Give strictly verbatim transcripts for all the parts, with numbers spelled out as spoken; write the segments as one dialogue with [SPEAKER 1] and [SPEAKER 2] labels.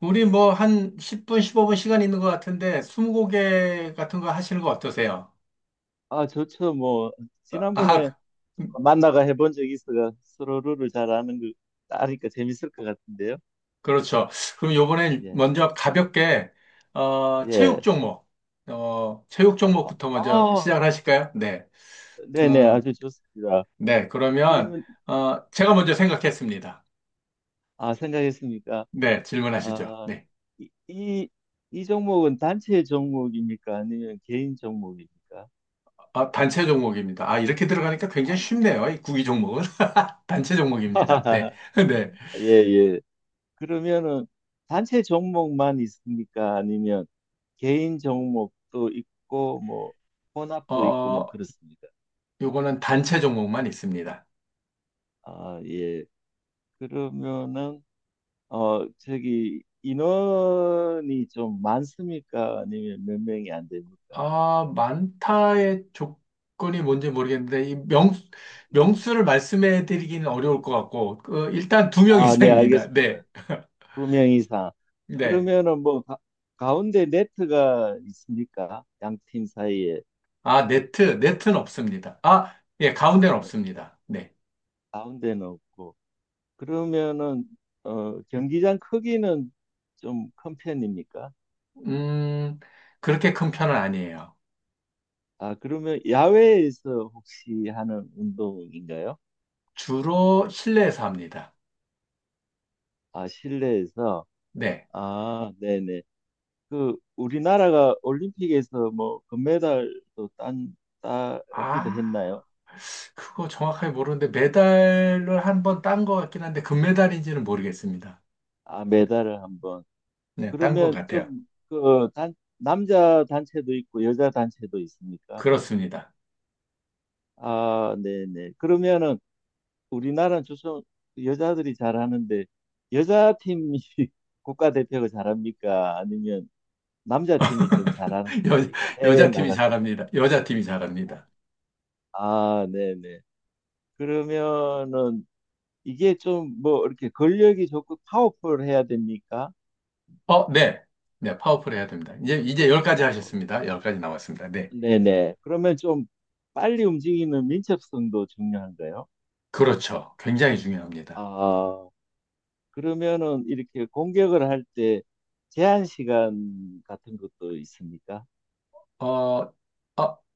[SPEAKER 1] 우리 뭐 한 십 분, 십오 분 시간 있는 것 같은데 스무고개 같은 거 하시는 거 어떠세요?
[SPEAKER 2] 아, 좋죠. 뭐,
[SPEAKER 1] 아,
[SPEAKER 2] 지난번에
[SPEAKER 1] 그- 음,
[SPEAKER 2] 만나가 해본 적이 있어가 서로를 잘 아는 거, 아니까 재밌을 것 같은데요.
[SPEAKER 1] 그렇죠. 그럼 요번엔
[SPEAKER 2] 예,
[SPEAKER 1] 먼저 가볍게 어, 체육
[SPEAKER 2] 예.
[SPEAKER 1] 종목, 어, 체육
[SPEAKER 2] 아,
[SPEAKER 1] 종목부터 먼저
[SPEAKER 2] 아,
[SPEAKER 1] 시작을 하실까요? 네.
[SPEAKER 2] 네네,
[SPEAKER 1] 음,
[SPEAKER 2] 아주 좋습니다.
[SPEAKER 1] 네. 그러면
[SPEAKER 2] 그러면,
[SPEAKER 1] 어, 제가 먼저 생각했습니다.
[SPEAKER 2] 아, 생각했습니까?
[SPEAKER 1] 네, 질문하시죠.
[SPEAKER 2] 아,
[SPEAKER 1] 네.
[SPEAKER 2] 이, 이, 이 종목은 단체 종목입니까? 아니면 개인 종목입니까?
[SPEAKER 1] 아, 단체 종목입니다. 아, 이렇게 들어가니까 굉장히 쉽네요. 이 구기 종목은 단체 종목입니다. 네. 네.
[SPEAKER 2] 예, 예. 그러면은 단체 종목만 있습니까? 아니면 개인 종목도 있고 뭐 혼합도 있고 뭐
[SPEAKER 1] 어,
[SPEAKER 2] 그렇습니다.
[SPEAKER 1] 요거는 단체 종목만 있습니다.
[SPEAKER 2] 아, 예. 그러면은 어 저기 인원이 좀 많습니까? 아니면 몇 명이 안 됩니까?
[SPEAKER 1] 아, 많다의 조건이 뭔지 모르겠는데, 이 명, 명수를 말씀해 드리기는 어려울 것 같고, 그, 일단 두 명
[SPEAKER 2] 아, 네,
[SPEAKER 1] 이상입니다. 네,
[SPEAKER 2] 알겠습니다. 두 명 이상.
[SPEAKER 1] 네.
[SPEAKER 2] 그러면은 뭐 가, 가운데 네트가 있습니까? 양팀 사이에.
[SPEAKER 1] 아, 네트, 네트는 없습니다. 아, 예, 가운데는
[SPEAKER 2] 아,
[SPEAKER 1] 없습니다. 네.
[SPEAKER 2] 가운데는 없고. 그러면은 어, 경기장 크기는 좀 큰 편입니까?
[SPEAKER 1] 음, 그렇게 큰 편은 아니에요.
[SPEAKER 2] 아, 그러면 야외에서 혹시 하는 운동인가요?
[SPEAKER 1] 주로 실내에서 합니다.
[SPEAKER 2] 아, 실내에서.
[SPEAKER 1] 네.
[SPEAKER 2] 아, 네네. 그 우리나라가 올림픽에서 뭐 금메달도 딴 따기도
[SPEAKER 1] 아,
[SPEAKER 2] 했나요?
[SPEAKER 1] 그거 정확하게 모르는데, 메달을 한 번 딴 것 같긴 한데, 금메달인지는 모르겠습니다.
[SPEAKER 2] 아, 메달을 한번.
[SPEAKER 1] 네, 딴 것
[SPEAKER 2] 그러면
[SPEAKER 1] 같아요.
[SPEAKER 2] 좀그 단, 남자 단체도 있고 여자 단체도 있습니까?
[SPEAKER 1] 그렇습니다.
[SPEAKER 2] 아, 네네. 그러면은 우리나라는 주로 여자들이 잘하는데 여자 팀이 국가대표가 잘합니까? 아니면 남자 팀이 좀 잘하는 편입니까?
[SPEAKER 1] 여,
[SPEAKER 2] 해외에
[SPEAKER 1] 여자 팀이
[SPEAKER 2] 나갔을 때.
[SPEAKER 1] 잘합니다. 여자 팀이 잘합니다.
[SPEAKER 2] 아, 네네. 그러면은 이게 좀 뭐 이렇게 근력이 좋고 파워풀해야 됩니까?
[SPEAKER 1] 어, 네. 네, 파워풀 해야 됩니다. 이제, 이제 열 가지
[SPEAKER 2] 파워풀.
[SPEAKER 1] 하셨습니다. 열 가지 남았습니다. 네.
[SPEAKER 2] 네네. 그러면 좀 빨리 움직이는 민첩성도 중요한가요?
[SPEAKER 1] 그렇죠. 굉장히 중요합니다.
[SPEAKER 2] 아, 그러면은 이렇게 공격을 할 때 제한 시간 같은 것도 있습니까?
[SPEAKER 1] 어, 어,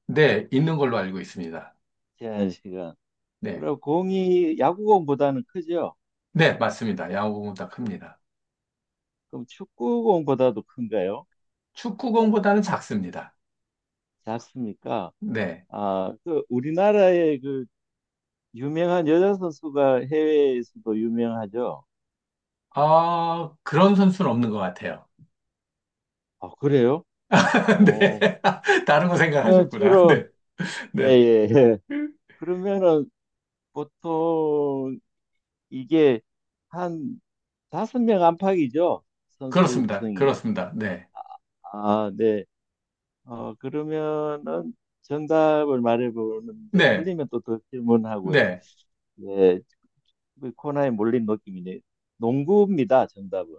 [SPEAKER 1] 네. 있는 걸로 알고 있습니다.
[SPEAKER 2] 제한 시간.
[SPEAKER 1] 네.
[SPEAKER 2] 그럼 공이 야구공보다는 크죠?
[SPEAKER 1] 네, 맞습니다. 야구공보다 큽니다.
[SPEAKER 2] 그럼 축구공보다도 큰가요?
[SPEAKER 1] 축구공보다는 작습니다.
[SPEAKER 2] 작습니까?
[SPEAKER 1] 네.
[SPEAKER 2] 아, 그 우리나라의 그 유명한 여자 선수가 해외에서도 유명하죠?
[SPEAKER 1] 아, 그런 선수는 없는 것 같아요.
[SPEAKER 2] 아, 그래요? 어,
[SPEAKER 1] 네. 다른 거
[SPEAKER 2] 그러면
[SPEAKER 1] 생각하셨구나.
[SPEAKER 2] 주로
[SPEAKER 1] 네.
[SPEAKER 2] 예,
[SPEAKER 1] 네.
[SPEAKER 2] 예, 예. 그러면은 보통 이게 한 다섯 명 안팎이죠? 선수
[SPEAKER 1] 그렇습니다.
[SPEAKER 2] 구성이.
[SPEAKER 1] 그렇습니다. 네.
[SPEAKER 2] 아, 네. 어, 그러면은 정답을 말해보는데
[SPEAKER 1] 네.
[SPEAKER 2] 틀리면 또 더 질문하고요.
[SPEAKER 1] 네.
[SPEAKER 2] 네, 그 코너에 몰린 느낌이네. 농구입니다, 정답은.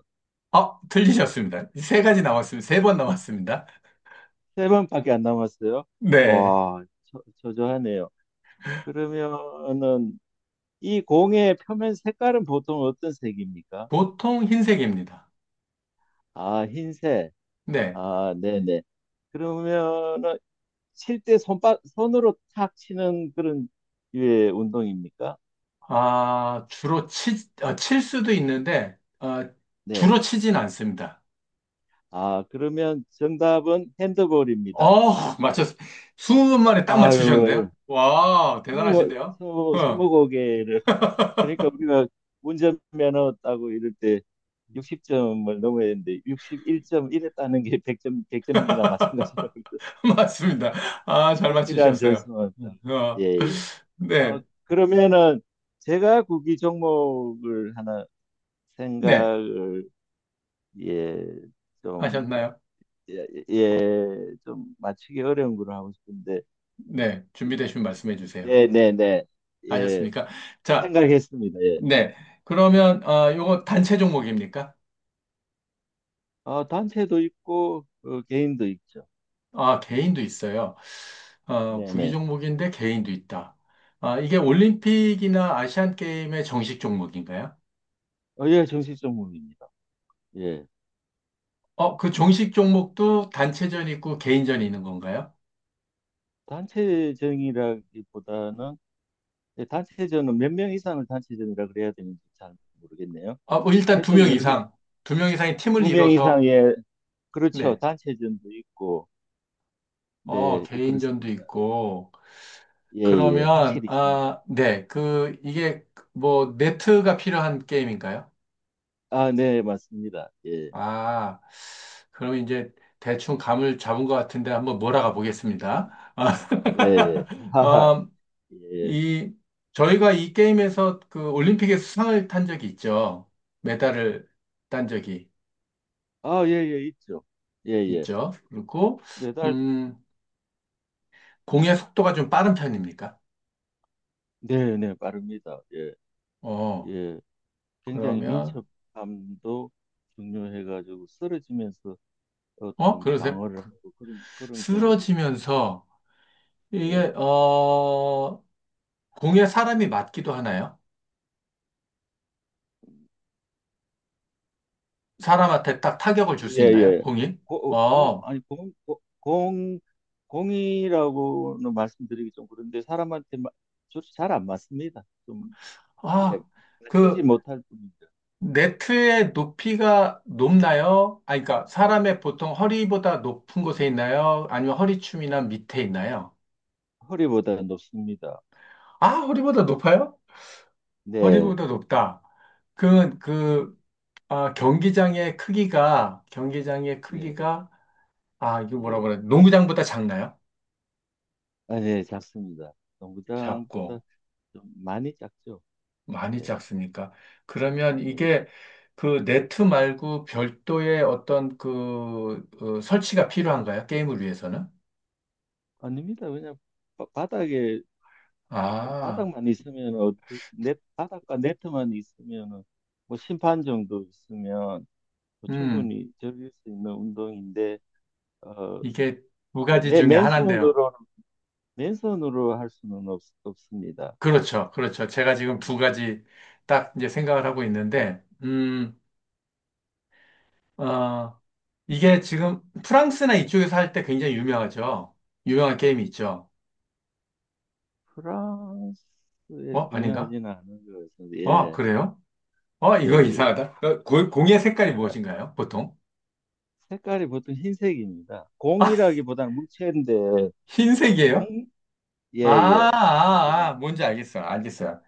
[SPEAKER 1] 아, 틀리셨습니다. 세 가지 남았습니다. 세 번 남았습니다.
[SPEAKER 2] 세 번밖에 안 남았어요.
[SPEAKER 1] 네.
[SPEAKER 2] 와, 저, 저조하네요. 그러면은 이 공의 표면 색깔은 보통 어떤 색입니까?
[SPEAKER 1] 보통 흰색입니다.
[SPEAKER 2] 아, 흰색.
[SPEAKER 1] 네.
[SPEAKER 2] 아, 네네. 그러면은 칠 때 손바, 손으로 탁 치는 그런 류의 운동입니까?
[SPEAKER 1] 아, 주로 치, 아, 칠 수도 있는데, 아,
[SPEAKER 2] 네.
[SPEAKER 1] 주로 치진 않습니다.
[SPEAKER 2] 아, 그러면 정답은 핸드볼입니다.
[SPEAKER 1] 어, 맞췄, 이십 분 만에 딱
[SPEAKER 2] 아유,
[SPEAKER 1] 맞추셨는데요?
[SPEAKER 2] 아유.
[SPEAKER 1] 와,
[SPEAKER 2] 스무,
[SPEAKER 1] 대단하신데요?
[SPEAKER 2] 스무,
[SPEAKER 1] 어,
[SPEAKER 2] 스무 고개를 그러니까 우리가 운전면허 따고 이럴 때 육십 점을 넘어야 되는데 육 일이에 따는 게 백 점, 백 점이나 마찬가지라고
[SPEAKER 1] 맞습니다. 아, 잘
[SPEAKER 2] 꼭 필요한
[SPEAKER 1] 맞추셨어요.
[SPEAKER 2] 점수만 따. 예,
[SPEAKER 1] 어,
[SPEAKER 2] 예.
[SPEAKER 1] 네.
[SPEAKER 2] 어, 그러면은 제가 구기 종목을 하나
[SPEAKER 1] 네.
[SPEAKER 2] 생각을 예, 좀
[SPEAKER 1] 하셨나요?
[SPEAKER 2] 예, 예, 좀 맞추기 어려운 걸로 하고 싶은데
[SPEAKER 1] 네. 준비되시면 말씀해 주세요.
[SPEAKER 2] 네, 네, 네. 예.
[SPEAKER 1] 하셨습니까? 자.
[SPEAKER 2] 생각했습니다. 예.
[SPEAKER 1] 네. 그러면 어, 요거 단체 종목입니까?
[SPEAKER 2] 어, 단체도 있고 어, 개인도 있죠.
[SPEAKER 1] 아, 개인도 있어요. 어,
[SPEAKER 2] 네,
[SPEAKER 1] 구기
[SPEAKER 2] 네.
[SPEAKER 1] 종목인데 개인도 있다. 아, 이게 올림픽이나 아시안 게임의 정식 종목인가요?
[SPEAKER 2] 어, 예, 정식 전문입니다. 예.
[SPEAKER 1] 어, 그 정식 종목도 단체전 있고 개인전이 있는 건가요?
[SPEAKER 2] 단체전이라기보다는, 예, 단체전은 몇 명 이상을 단체전이라 그래야 되는지 잘 모르겠네요.
[SPEAKER 1] 아, 뭐 일단 두
[SPEAKER 2] 하여튼,
[SPEAKER 1] 명
[SPEAKER 2] 여러, 명,
[SPEAKER 1] 이상, 두 명 이상의 팀을
[SPEAKER 2] 두 명
[SPEAKER 1] 이뤄서
[SPEAKER 2] 이상의, 그렇죠.
[SPEAKER 1] 네.
[SPEAKER 2] 단체전도 있고,
[SPEAKER 1] 어,
[SPEAKER 2] 네, 예,
[SPEAKER 1] 개인전도
[SPEAKER 2] 그렇습니다.
[SPEAKER 1] 있고
[SPEAKER 2] 예, 예,
[SPEAKER 1] 그러면
[SPEAKER 2] 확실히 있습니다.
[SPEAKER 1] 아, 네. 그 이게 뭐 네트가 필요한 게임인가요?
[SPEAKER 2] 아, 네, 맞습니다. 예,
[SPEAKER 1] 아, 그럼 이제 대충 감을 잡은 것 같은데 한번 몰아가 보겠습니다.
[SPEAKER 2] 음, 예, 예.
[SPEAKER 1] 아,
[SPEAKER 2] 하하,
[SPEAKER 1] 어,
[SPEAKER 2] 예. 예.
[SPEAKER 1] 이, 저희가 이 게임에서 그 올림픽에서 수상을 탄 적이 있죠. 메달을 딴 적이
[SPEAKER 2] 아, 예, 예, 있죠. 예, 예.
[SPEAKER 1] 있죠. 그리고,
[SPEAKER 2] 매달,
[SPEAKER 1] 음, 공의 속도가 좀 빠른 편입니까?
[SPEAKER 2] 네, 네, 빠릅니다. 예,
[SPEAKER 1] 어,
[SPEAKER 2] 예. 굉장히
[SPEAKER 1] 그러면,
[SPEAKER 2] 민첩함도 중요해가지고 쓰러지면서
[SPEAKER 1] 어,
[SPEAKER 2] 어떤
[SPEAKER 1] 그러세요?
[SPEAKER 2] 방어를 하고 그런 그런 경우도
[SPEAKER 1] 쓰러지면서
[SPEAKER 2] 예,
[SPEAKER 1] 이게, 어, 공에 사람이 맞기도 하나요? 사람한테 딱 타격을 줄 수
[SPEAKER 2] 예,
[SPEAKER 1] 있나요?
[SPEAKER 2] 예.
[SPEAKER 1] 공이?
[SPEAKER 2] 공
[SPEAKER 1] 어,
[SPEAKER 2] 아니 공, 고- 공, 공이라고는 말씀드리기 좀 그런데 사람한테 잘 안 맞습니다. 좀 예,
[SPEAKER 1] 아,
[SPEAKER 2] 맞추지
[SPEAKER 1] 그
[SPEAKER 2] 못할 뿐이죠.
[SPEAKER 1] 네트의 높이가 높나요? 아, 그러니까 사람의 보통 허리보다 높은 곳에 있나요? 아니면 허리춤이나 밑에 있나요?
[SPEAKER 2] 허리보다 높습니다.
[SPEAKER 1] 아, 허리보다 높아요?
[SPEAKER 2] 네,
[SPEAKER 1] 허리보다 높다. 그, 그, 아, 경기장의 크기가, 경기장의
[SPEAKER 2] 네,
[SPEAKER 1] 크기가, 아, 이거 뭐라
[SPEAKER 2] 예.
[SPEAKER 1] 그래? 농구장보다 작나요?
[SPEAKER 2] 아, 네, 작습니다. 농구장보다
[SPEAKER 1] 작고,
[SPEAKER 2] 좀 많이 작죠.
[SPEAKER 1] 많이
[SPEAKER 2] 네,
[SPEAKER 1] 작습니까? 그러면
[SPEAKER 2] 네
[SPEAKER 1] 이게 그 네트 말고 별도의 어떤 그, 어, 설치가 필요한가요? 게임을 위해서는?
[SPEAKER 2] 아닙니다. 왜냐 바, 바닥에
[SPEAKER 1] 아,
[SPEAKER 2] 바닥만 있으면 어, 네, 바닥과 네트만 있으면은 뭐 심판 정도 있으면 뭐
[SPEAKER 1] 음,
[SPEAKER 2] 충분히 즐길 수 있는 운동인데 어,
[SPEAKER 1] 이게 두
[SPEAKER 2] 예,
[SPEAKER 1] 가지
[SPEAKER 2] 맨-
[SPEAKER 1] 중에 하나인데요.
[SPEAKER 2] 맨손으로는 맨손으로 할 수는 없, 없습니다.
[SPEAKER 1] 그렇죠, 그렇죠. 제가 지금 두
[SPEAKER 2] 네.
[SPEAKER 1] 가지 딱 이제 생각을 하고 있는데, 음, 어, 이게 지금 프랑스나 이쪽에서 할 때 굉장히 유명하죠. 유명한 게임이 있죠.
[SPEAKER 2] 프랑스에서
[SPEAKER 1] 어, 아닌가?
[SPEAKER 2] 유명하지는 않은 것 같습니다.
[SPEAKER 1] 어,
[SPEAKER 2] 예,
[SPEAKER 1] 그래요? 어,
[SPEAKER 2] 예,
[SPEAKER 1] 이거
[SPEAKER 2] 예.
[SPEAKER 1] 이상하다. 어, 고- 공의 색깔이 무엇인가요, 보통?
[SPEAKER 2] 색깔이 보통 흰색입니다.
[SPEAKER 1] 아,
[SPEAKER 2] 공이라기보다는 물체인데
[SPEAKER 1] 흰색이에요?
[SPEAKER 2] 공, 예,
[SPEAKER 1] 아,
[SPEAKER 2] 예.
[SPEAKER 1] 아,
[SPEAKER 2] 흰색이에요.
[SPEAKER 1] 아, 뭔지 알겠어요. 알겠어요.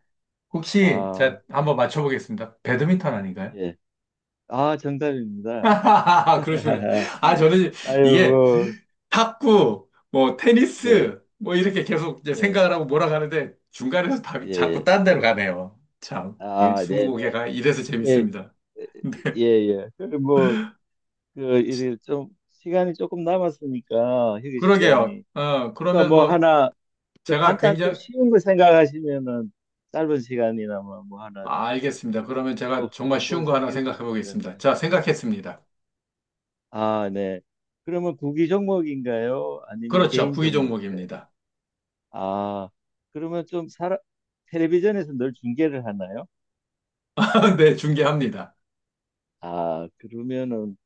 [SPEAKER 1] 혹시
[SPEAKER 2] 아,
[SPEAKER 1] 제가 한번 맞춰보겠습니다. 배드민턴 아닌가요?
[SPEAKER 2] 예. 아, 정답입니다.
[SPEAKER 1] 그러시구나. 아, 저는 이게
[SPEAKER 2] 아이고,
[SPEAKER 1] 탁구, 뭐,
[SPEAKER 2] 네,
[SPEAKER 1] 테니스, 뭐, 이렇게 계속 이제
[SPEAKER 2] 네,
[SPEAKER 1] 생각을 하고 몰아가는데 중간에서 답이 자꾸
[SPEAKER 2] 예,
[SPEAKER 1] 딴 데로 가네요. 참, 이게
[SPEAKER 2] 아, 네, 네,
[SPEAKER 1] 스무고개가 이래서
[SPEAKER 2] 이게
[SPEAKER 1] 재밌습니다. 네,
[SPEAKER 2] 예, 예, 그래 뭐, 그
[SPEAKER 1] 치-
[SPEAKER 2] 이제 좀 시간이 조금 남았으니까 휴게
[SPEAKER 1] 그러게요.
[SPEAKER 2] 시간이,
[SPEAKER 1] 어,
[SPEAKER 2] 그러니까
[SPEAKER 1] 그러면
[SPEAKER 2] 뭐
[SPEAKER 1] 뭐,
[SPEAKER 2] 하나 더
[SPEAKER 1] 제가
[SPEAKER 2] 간단 좀
[SPEAKER 1] 굉장히,
[SPEAKER 2] 쉬운 거 생각하시면은 짧은 시간이나마 뭐 하나
[SPEAKER 1] 아, 알겠습니다. 그러면 제가
[SPEAKER 2] 꼭
[SPEAKER 1] 정말
[SPEAKER 2] 꼭
[SPEAKER 1] 쉬운 거 하나
[SPEAKER 2] 즐길 수
[SPEAKER 1] 생각해
[SPEAKER 2] 있을 것
[SPEAKER 1] 보겠습니다.
[SPEAKER 2] 같네요.
[SPEAKER 1] 자, 생각했습니다.
[SPEAKER 2] 아, 네. 그러면 구기 종목인가요? 아니면
[SPEAKER 1] 그렇죠.
[SPEAKER 2] 개인
[SPEAKER 1] 구기
[SPEAKER 2] 종목인가요?
[SPEAKER 1] 종목입니다.
[SPEAKER 2] 아, 그러면 좀 사람 텔레비전에서 늘 중계를 하나요?
[SPEAKER 1] 네, 중계합니다.
[SPEAKER 2] 아, 그러면은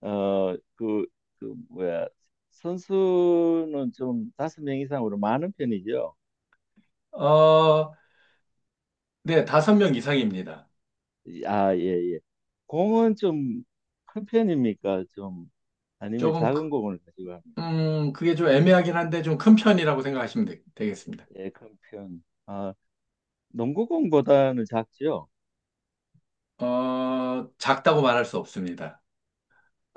[SPEAKER 2] 어, 그, 그 뭐야 선수는 좀 다섯 명 이상으로 많은 편이죠.
[SPEAKER 1] 어, 네, 다섯 명 이상입니다.
[SPEAKER 2] 아, 예, 예. 공은 좀 큰 편입니까? 좀 아니면
[SPEAKER 1] 조금 크-
[SPEAKER 2] 작은 공을 가지고 합니까?
[SPEAKER 1] 음, 그게 좀 애매하긴 한데 좀 큰 편이라고 생각하시면 되, 겠습니다
[SPEAKER 2] 예, 큰 편. 아, 농구공보다는 작죠.
[SPEAKER 1] 어, 작다고 말할 수 없습니다.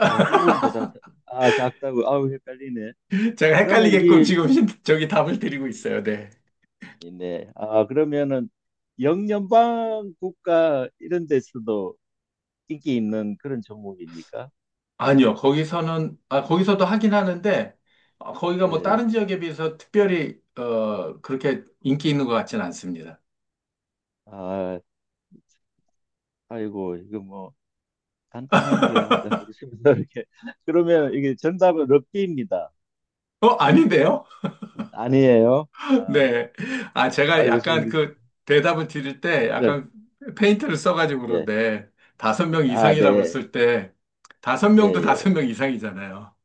[SPEAKER 2] 농구공보다 작- 아, 작다고. 아우, 헷갈리네.
[SPEAKER 1] 제가
[SPEAKER 2] 그러면
[SPEAKER 1] 헷갈리게끔
[SPEAKER 2] 이게
[SPEAKER 1] 지금 신- 저기 답을 드리고 있어요. 네.
[SPEAKER 2] 네. 아, 그러면은 영연방 국가 이런 데서도 인기 있는 그런 종목입니까?
[SPEAKER 1] 아니요, 거기서는, 아, 거기서도 하긴 하는데, 어, 거기가 뭐
[SPEAKER 2] 네.
[SPEAKER 1] 다른 지역에 비해서 특별히, 어, 그렇게 인기 있는 것 같진 않습니다.
[SPEAKER 2] 아, 아이고 이거 뭐 간단한 거 하자 그러시면서 이렇게 그러면 이게 정답은 럭비입니다.
[SPEAKER 1] 어, 아닌데요?
[SPEAKER 2] 아니에요? 아,
[SPEAKER 1] 네. 아, 제가
[SPEAKER 2] 아이고 지금
[SPEAKER 1] 약간 그 대답을 드릴 때
[SPEAKER 2] 스트레스.
[SPEAKER 1] 약간 페인트를 써가지고
[SPEAKER 2] 예.
[SPEAKER 1] 그런데 다섯 명
[SPEAKER 2] 아,
[SPEAKER 1] 이상이라고
[SPEAKER 2] 네.
[SPEAKER 1] 그랬을 때 다섯
[SPEAKER 2] 예,
[SPEAKER 1] 명도 다섯
[SPEAKER 2] 예.
[SPEAKER 1] 명 이상이잖아요.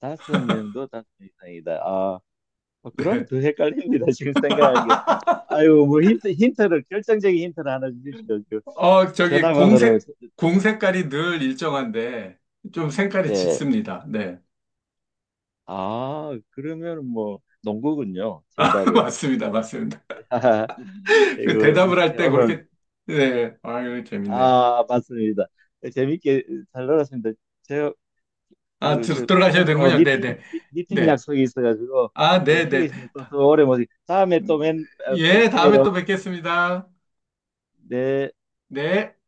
[SPEAKER 2] 다섯 명도 다섯 명 이상이다. 아, 어, 그럼
[SPEAKER 1] 네.
[SPEAKER 2] 더 헷갈립니다. 지금 생각한 게. 아이고 뭐 힌트 힌트를 결정적인 힌트를 하나 주십시오. 그
[SPEAKER 1] 어, 저기
[SPEAKER 2] 전화 받으러
[SPEAKER 1] 공색, 공색깔이 늘 일정한데 좀 색깔이
[SPEAKER 2] 네.
[SPEAKER 1] 짙습니다. 네.
[SPEAKER 2] 아, 그러면 뭐 농구군요.
[SPEAKER 1] 아,
[SPEAKER 2] 정답은.
[SPEAKER 1] 맞습니다. 맞습니다. 그
[SPEAKER 2] 이거
[SPEAKER 1] 대답을 할
[SPEAKER 2] 이렇게
[SPEAKER 1] 때
[SPEAKER 2] 오늘
[SPEAKER 1] 그렇게, 네. 아유, 재밌네.
[SPEAKER 2] 아, 맞습니다. 재밌게 잘 놀았습니다. 제가
[SPEAKER 1] 아,
[SPEAKER 2] 그,
[SPEAKER 1] 들-
[SPEAKER 2] 저
[SPEAKER 1] 들어가셔야
[SPEAKER 2] 부장님하고
[SPEAKER 1] 되는군요. 네네.
[SPEAKER 2] 미팅,
[SPEAKER 1] 네.
[SPEAKER 2] 미-
[SPEAKER 1] 네.
[SPEAKER 2] 미팅
[SPEAKER 1] 네.
[SPEAKER 2] 약속이 있어가지고 어,
[SPEAKER 1] 아, 네네.
[SPEAKER 2] 휴게실에 또, 또 오래 못, 다음에 또 맨, 어,
[SPEAKER 1] 예,
[SPEAKER 2] 뵈-
[SPEAKER 1] 다음에
[SPEAKER 2] 봬요.
[SPEAKER 1] 또 뵙겠습니다.
[SPEAKER 2] 네.
[SPEAKER 1] 네.